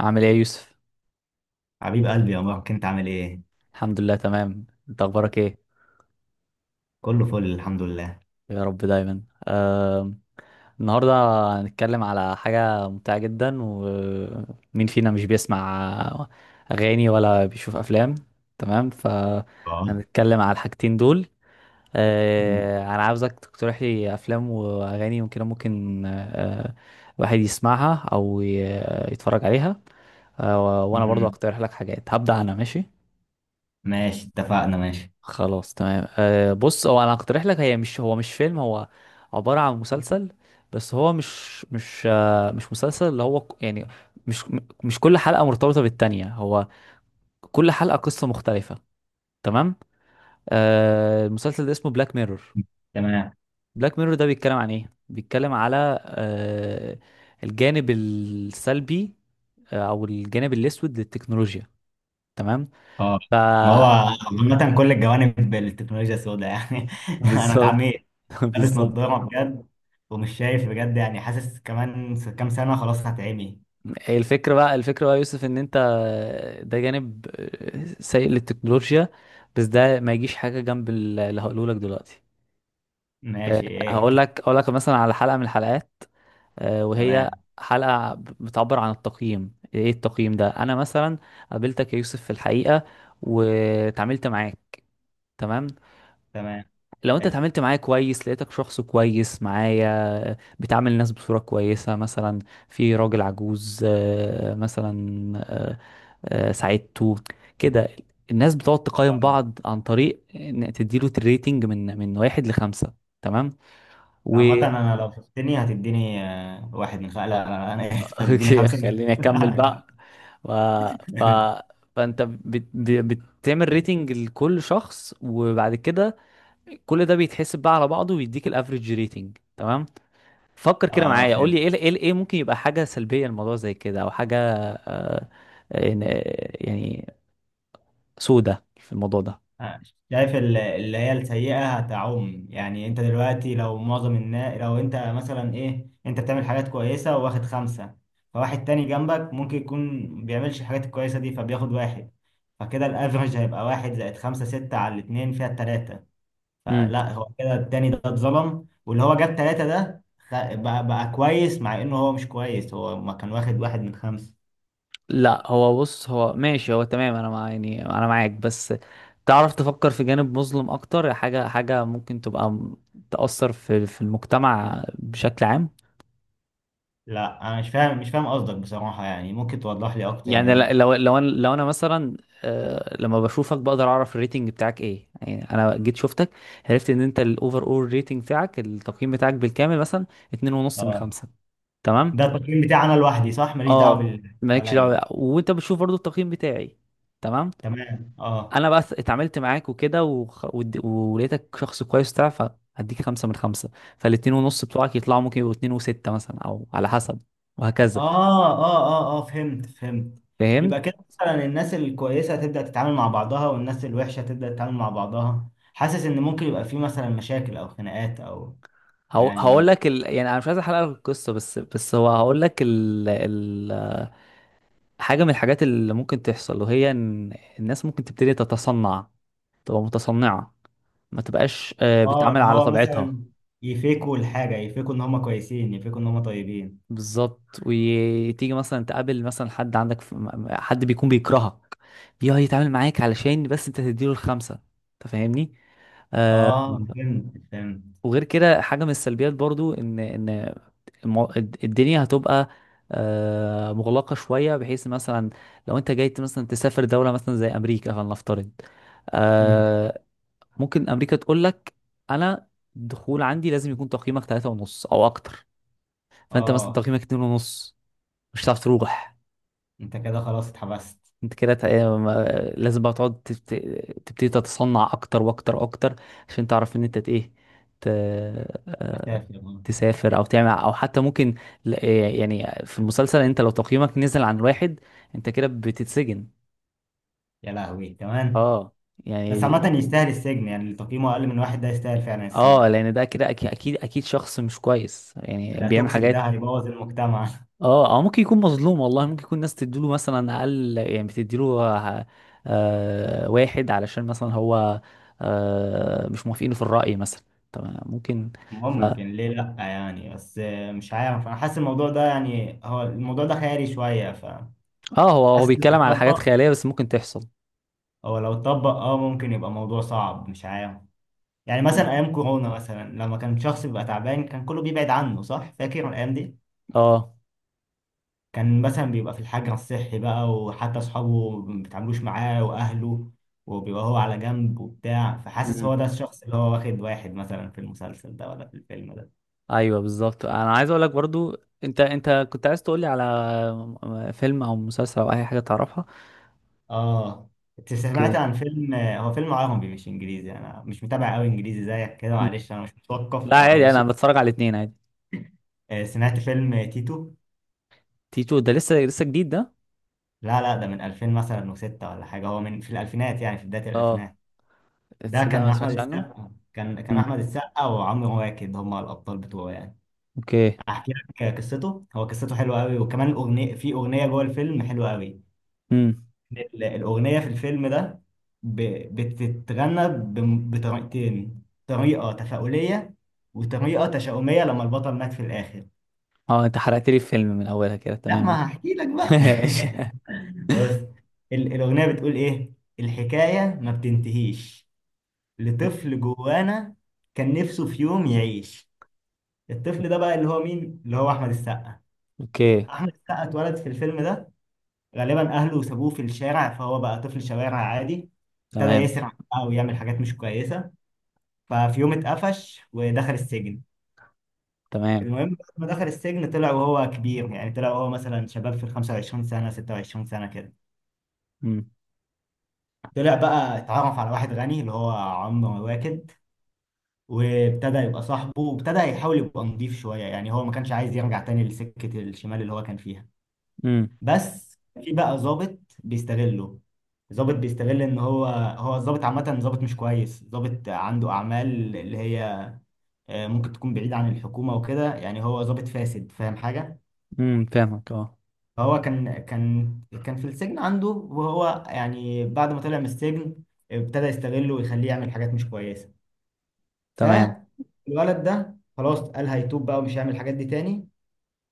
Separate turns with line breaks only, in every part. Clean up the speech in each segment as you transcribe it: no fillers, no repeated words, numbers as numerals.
عامل ايه يا يوسف؟
حبيب قلبي يا مروان، كنت عامل ايه؟
الحمد لله، تمام. انت اخبارك ايه؟
كله فل، الحمد لله.
يا رب دايما. آه، النهارده هنتكلم على حاجه ممتعه جدا. ومين فينا مش بيسمع اغاني ولا بيشوف افلام؟ تمام،
اه.
فهنتكلم على الحاجتين دول.
مم.
انا عاوزك تقترح لي افلام واغاني ممكن الواحد يسمعها او يتفرج عليها. وانا برضو
مم.
هقترح لك حاجات، هبدأ انا ماشي.
ماشي، اتفقنا، ماشي.
خلاص، تمام. بص، هو انا هقترح لك، هي مش هو مش فيلم، هو عبارة عن مسلسل. بس هو مش مسلسل اللي هو يعني مش مش كل حلقة مرتبطة بالتانية، هو كل حلقة قصة مختلفة. تمام. المسلسل ده اسمه بلاك ميرور.
تمام،
بلاك ميرور ده بيتكلم عن ايه؟ بيتكلم على أه الجانب السلبي، او الجانب الاسود للتكنولوجيا. تمام.
اه،
ف
ما هو
اه
عامة كل الجوانب التكنولوجيا السوداء يعني انا
بالظبط.
اتعميت. لابس
بالظبط.
نظارة بجد ومش شايف بجد، يعني حاسس كمان كام سنة خلاص هتعمي.
هي الفكرة بقى يا يوسف، ان انت ده جانب سيء للتكنولوجيا، بس ده ما يجيش حاجة جنب اللي هقوله لك دلوقتي. أه،
ماشي، ايه،
هقول
احكي.
لك اقول لك مثلا على حلقة من الحلقات. وهي
تمام،
حلقة بتعبر عن التقييم. ايه التقييم ده؟ انا مثلا قابلتك يا يوسف في الحقيقة، وتعاملت معاك. تمام.
تمام،
لو انت
حلو،
اتعاملت معايا كويس، لقيتك شخص كويس معايا، بتعامل الناس بصورة كويسة مثلا. في راجل عجوز، مثلا، آه، ساعدته كده. الناس بتقعد تقيم
اه.
بعض عن طريق ان تديله الريتنج من واحد لخمسة. تمام. و
عامة انا لو شفتني هتديني واحد من لا لا، انا اسف، هتديني
اوكي،
خمسة من
خليني اكمل بقى. و... ف... فانت بتعمل ريتنج لكل شخص، وبعد كده كل ده بيتحسب بقى على بعضه، ويديك الافريج ريتنج. تمام. فكر كده
اه،
معايا، قول
فهمت.
لي ايه ممكن يبقى حاجه سلبيه الموضوع زي كده، او حاجه إن- يعني سودة في الموضوع ده.
آه، شايف اللي هي السيئة هتعم، يعني انت دلوقتي لو معظم الناس، لو انت مثلا ايه، انت بتعمل حاجات كويسة وواخد خمسة، فواحد تاني جنبك ممكن يكون بيعملش الحاجات الكويسة دي فبياخد واحد، فكده الافرج هيبقى واحد زائد خمسة ستة على الاتنين فيها التلاتة.
امم.
فلا هو كده التاني ده اتظلم، واللي هو جاب تلاتة ده بقى كويس، مع انه هو مش كويس، هو ما كان واخد واحد من خمسة.
لا، هو بص، هو ماشي، هو تمام. انا مع يعني انا معاك، بس تعرف تفكر في جانب مظلم اكتر، حاجه ممكن تبقى تأثر في المجتمع بشكل عام.
لا، انا مش فاهم، مش فاهم قصدك بصراحة، يعني ممكن توضح لي اكتر
يعني
يعني.
لو انا مثلا، لما بشوفك بقدر اعرف الريتنج بتاعك ايه. يعني انا جيت شفتك، عرفت ان انت الاوفر اول ريتنج بتاعك، التقييم بتاعك بالكامل مثلا اتنين ونص من خمسة. تمام.
ده التقييم بتاعي انا لوحدي صح؟ ماليش دعوه
اه،
باللي
مالكش دعوه
حواليا.
بقى. وانت بتشوف برضو التقييم بتاعي. تمام.
تمام، اه،
انا بقى اتعاملت معاك وكده، ولقيتك شخص كويس بتاع، فهديك خمسة من خمسة. فالاتنين ونص بتوعك يطلعوا، ممكن يبقوا اتنين وستة مثلا، او على حسب. وهكذا.
اه، اه، اه. اه فهمت فهمت. يبقى
فهمت.
كده، مثلا الناس الكويسه هتبدا تتعامل مع بعضها، والناس الوحشه هتبدا تتعامل مع بعضها. حاسس ان ممكن يبقى في مثلا مشاكل او خناقات او
هقول
يعني.
لك يعني انا مش عايز احرق لك القصة. بس هو هقول لك حاجة من الحاجات اللي ممكن تحصل، وهي ان الناس ممكن تبتدي تتصنع، تبقى متصنعة، ما تبقاش
اه،
بتتعامل
اللي
على
هو مثلا
طبيعتها.
يفيكوا الحاجه، يفيكوا ان هم كويسين، يفيكوا ان هم طيبين.
بالظبط. وتيجي مثلا تقابل مثلا حد عندك حد بيكون بيكرهك، بيقعد يتعامل معاك علشان بس انت تديله الخمسة. انت فاهمني؟ آه
اه، فهمت فهمت.
وغير كده، حاجة من السلبيات برضو ان الدنيا هتبقى مغلقة شوية، بحيث مثلا لو انت جاي مثلا تسافر دولة مثلا زي امريكا فلنفترض.
امم
آه ممكن امريكا تقول لك: انا الدخول عندي لازم يكون تقييمك ثلاثة ونص او اكتر. فانت مثلا
اه.
تقييمك اتنين ونص، مش هتعرف تروح.
انت كده خلاص اتحبست.
انت كده لازم بقى تقعد تبتدي تتصنع اكتر واكتر اكتر، عشان تعرف ان انت ايه، ت... آه،
اسافر آه.
تسافر او تعمل، او حتى ممكن يعني في المسلسل، انت لو تقييمك نزل عن واحد انت كده بتتسجن.
يا لهوي كمان.
اه،
بس عامة
يعني.
يستاهل السجن، يعني اللي تقييمه أقل من واحد ده يستاهل فعلا
اه،
السجن.
لان ده كده اكيد اكيد اكيد شخص مش كويس، يعني
ده
بيعمل
توكسيك، ده
حاجات.
هيبوظ المجتمع
اه، او ممكن يكون مظلوم والله، ممكن يكون ناس تديله مثلا اقل، يعني بتديله واحد علشان مثلا هو مش موافقينه في الرأي مثلا. طب ممكن. ف... اه
ممكن، ليه لأ يعني. بس مش عارف، أنا حاسس الموضوع ده يعني هو الموضوع ده خيالي شوية، فحاسس
هو
لو
هو بيتكلم على حاجات
اتطبق.
خيالية، بس ممكن تحصل.
أو لو اتطبق ممكن يبقى موضوع صعب، مش عارف. يعني مثلا
مم.
أيام كورونا مثلا، لما كان شخص بيبقى تعبان كان كله بيبعد عنه صح؟ فاكر الأيام دي؟
اه.
كان مثلا بيبقى في الحجر الصحي بقى، وحتى أصحابه ما بيتعاملوش معاه وأهله، وبيبقى هو على جنب وبتاع. فحاسس
مم.
هو ده الشخص اللي هو واخد واحد، مثلا في المسلسل ده ولا في الفيلم ده.
ايوه، بالظبط. انا عايز اقول لك برضو، انت كنت عايز تقول لي على فيلم او مسلسل او اي حاجة تعرفها.
آه أنت سمعت
اوكي.
عن فيلم، هو فيلم عربي مش إنجليزي، أنا مش متابع قوي إنجليزي زيك كده،
مم.
معلش أنا مش متوقف.
لا،
آه،
عادي، انا
ماشي.
بتفرج على الاثنين عادي.
سمعت فيلم تيتو.
تيتو ده لسه لسه جديد ده؟
لا لا، ده من 2000 مثلا وستة ولا حاجة، هو من في الألفينات، يعني في بداية
اه،
الألفينات. ده
تصدق
كان
ما
أحمد
سمعتش عنه.
السقا، كان
مم.
أحمد السقا وعمرو واكد هما الأبطال بتوعه يعني.
اوكي.
احكي لك قصته، هو قصته حلوه قوي، وكمان الاغنيه، في اغنيه جوه الفيلم حلوه قوي.
امم.
الاغنيه في الفيلم ده ب... بتتغنى بطريقتين، طريقه تفاؤليه وطريقه تشاؤميه لما البطل مات في الاخر.
اه، انت حرقت لي الفيلم من اولها كده.
لا،
تمام،
ما
ماشي.
هحكي لك بقى
ماشي.
بص، الاغنيه بتقول ايه. الحكايه ما بتنتهيش لطفل جوانا، كان نفسه في يوم يعيش. الطفل ده بقى اللي هو مين؟ اللي هو احمد السقا.
اوكي،
احمد السقا اتولد في الفيلم ده، غالبا اهله سابوه في الشارع، فهو بقى طفل شوارع عادي. ابتدى
تمام.
يسرع بقى ويعمل حاجات مش كويسه، ففي يوم اتقفش ودخل السجن.
تمام.
المهم بعد ما دخل السجن طلع وهو كبير، يعني طلع وهو مثلا شباب في ال 25 سنه 26 سنه كده.
امم،
طلع بقى، اتعرف على واحد غني اللي هو عمرو واكد، وابتدى يبقى صاحبه، وابتدى يحاول يبقى نضيف شويه، يعني هو ما كانش عايز يرجع تاني لسكه الشمال اللي هو كان فيها.
امم،
بس في بقى ظابط بيستغله، ظابط بيستغل ان هو الظابط عامه ظابط مش كويس، ظابط عنده اعمال اللي هي ممكن تكون بعيد عن الحكومه وكده، يعني هو ظابط فاسد، فاهم حاجه.
امم، فاهمك، اه.
فهو كان في السجن عنده، وهو يعني بعد ما طلع من السجن ابتدى يستغله ويخليه يعمل حاجات مش كويسه.
تمام.
فالولد ده خلاص قال هيتوب بقى ومش هيعمل الحاجات دي تاني،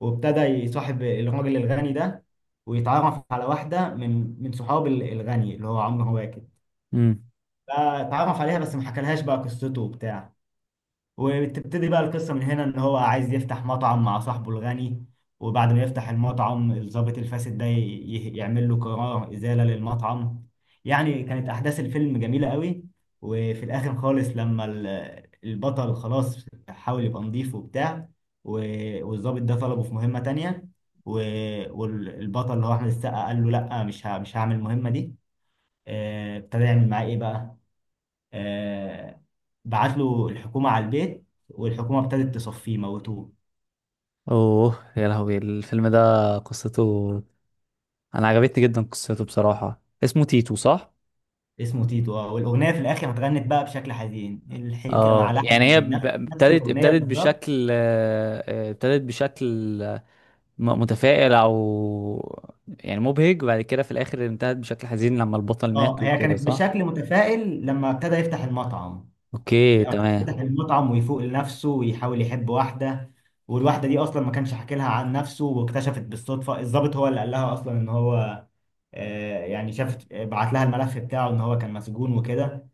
وابتدى يصاحب الراجل الغني ده، ويتعرف على واحدة من صحاب الغني اللي هو عمرو واكد.
امم.
فتعرف عليها، بس ما حكالهاش بقى قصته وبتاع. وبتبتدي بقى القصة من هنا، ان هو عايز يفتح مطعم مع صاحبه الغني. وبعد ما يفتح المطعم الضابط الفاسد ده يعمل له قرار إزالة للمطعم. يعني كانت أحداث الفيلم جميلة قوي. وفي الآخر خالص لما البطل خلاص حاول يبقى نضيف وبتاع، والضابط ده طلبه في مهمة تانية، و- والبطل اللي هو أحمد السقا قال له لأ، مش هعمل المهمة دي. ابتدى يعمل معاه إيه بقى؟ آه، بعت له الحكومة على البيت، والحكومة ابتدت تصفيه، موتوه.
اوه يا لهوي، الفيلم ده قصته، انا عجبتني جدا قصته بصراحة. اسمه تيتو، صح؟
اسمه تيتو، اه، والأغنية في الآخر اتغنت بقى بشكل حزين، الحكاية مع
اه،
لحن
يعني هي
حزين، نفس
ابتدت
الأغنية
ابتدت
بالظبط.
بشكل ابتدت بشكل متفائل، او يعني مبهج، وبعد كده في الاخر انتهت بشكل حزين لما البطل
اه،
مات
هي
وكده،
كانت
صح؟
بشكل متفائل لما ابتدى يفتح المطعم.
اوكي،
لما ابتدى
تمام.
يفتح المطعم ويفوق لنفسه ويحاول يحب واحدة، والواحدة دي أصلا ما كانش حكي لها عن نفسه، واكتشفت بالصدفة، الضابط هو اللي قال لها أصلا إن هو يعني شافت، بعت لها الملف بتاعه إن هو كان مسجون وكده.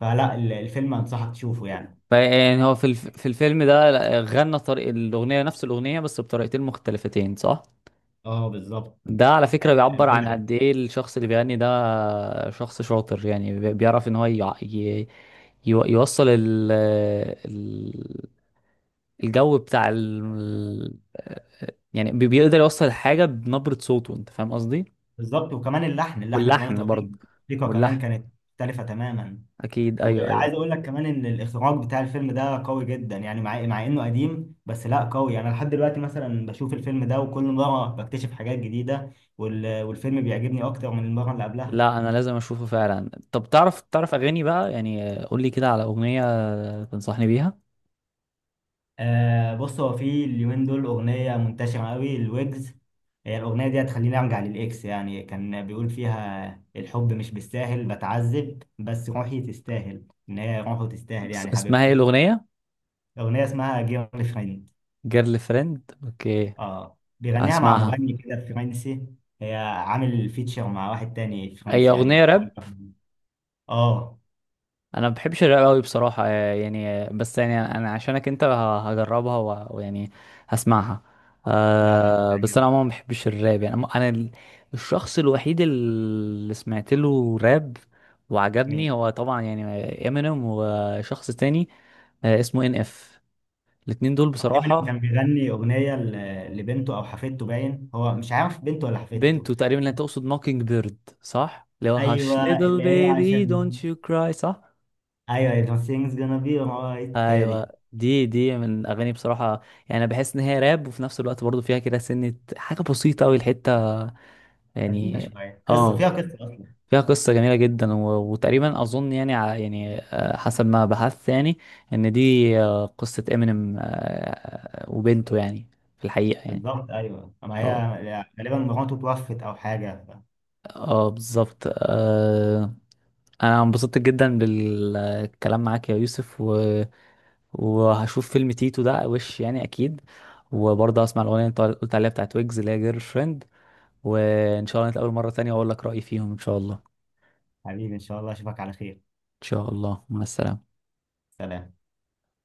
فلا، الفيلم أنصحك تشوفه يعني.
يعني هو في الفيلم ده، لا، غنى طريق الأغنية، نفس الأغنية بس بطريقتين مختلفتين، صح؟
اه بالظبط.
ده على فكرة بيعبر عن
باللحن.
قد إيه الشخص اللي بيغني ده شخص شاطر، يعني بيعرف إن هو يوصل ال- الجو بتاع يعني بيقدر يوصل الحاجة بنبرة صوته. أنت فاهم قصدي؟
بالظبط، وكمان اللحن كمان
واللحن
اتغير.
برضه.
الموسيقى كمان
واللحن.
كانت مختلفة تماما.
أكيد، أيوه، أيوه.
وعايز اقول لك كمان ان الاخراج بتاع الفيلم ده قوي جدا، يعني مع انه قديم بس لا قوي، يعني انا لحد دلوقتي مثلا بشوف الفيلم ده وكل مرة بكتشف حاجات جديدة، والفيلم بيعجبني اكتر من المرة اللي قبلها.
لا، انا لازم اشوفه فعلا. طب تعرف اغاني بقى، يعني قول لي كده على اغنيه تنصحني بيها.
آه بص هو في اليومين دول أغنية منتشرة قوي الويجز. هي الأغنية دي هتخليني أرجع للإكس، يعني كان بيقول فيها الحب مش بالساهل بتعذب بس روحي تستاهل، إن هي روحه تستاهل يعني
اسمها ايه
حبيبته.
الاغنيه؟
أغنية اسمها جيرل فريند.
جيرل فريند، اوكي.
آه بيغنيها مع
اسمعها.
مغني كده فرنسي. هي عامل فيتشر مع واحد تاني
اي،
فرنسي يعني
اغنيه
مش
راب؟
كل. آه
انا ما بحبش الراب قوي بصراحه، يعني، بس يعني انا عشانك انت هجربها، ويعني هسمعها.
لا لا،
بس انا
هتعجبك.
عموما ما بحبش الراب. يعني انا، الشخص الوحيد اللي سمعت له راب
مين؟
وعجبني هو طبعا، يعني امينيم وشخص تاني، اسمه NF. الاتنين دول
اه، ايمن
بصراحة
كان بيغني اغنيه لبنته او حفيدته، باين هو مش عارف بنته ولا
بنت.
حفيدته.
وتقريبا اللي هتقصد ماكينج بيرد، صح؟ اللي هو هاش،
ايوه
little
اللي هي
baby don't
عشان،
you cry، صح؟
ايوه it was things gonna be alright هي
ايوه،
دي.
دي من اغاني بصراحة. يعني انا بحس ان هي راب، وفي نفس الوقت برضو فيها كده سنة حاجة بسيطة قوي الحتة،
حزينه
يعني.
شويه، قصه
اه.
فيها قصه اصلا.
فيها قصة جميلة جدا، وتقريبا اظن، يعني يعني حسب ما بحثت، يعني ان دي قصة امينيم وبنته، يعني في الحقيقة يعني.
بالظبط، ايوه، اما
اه،
هي غالبا مراته توفت او حاجه.
اه، بالظبط. انا انبسطت جدا بالكلام معاك يا يوسف، وهشوف فيلم تيتو ده، وش يعني اكيد. وبرضه هسمع الاغنيه اللي انت قلت عليها بتاعت ويجز، اللي هي جيرل فريند. وان شاء الله نتقابل مره تانية، واقول لك رايي فيهم. ان شاء الله، ان
حبيبي، ان شاء الله اشوفك على خير.
شاء الله. مع السلامه.
سلام.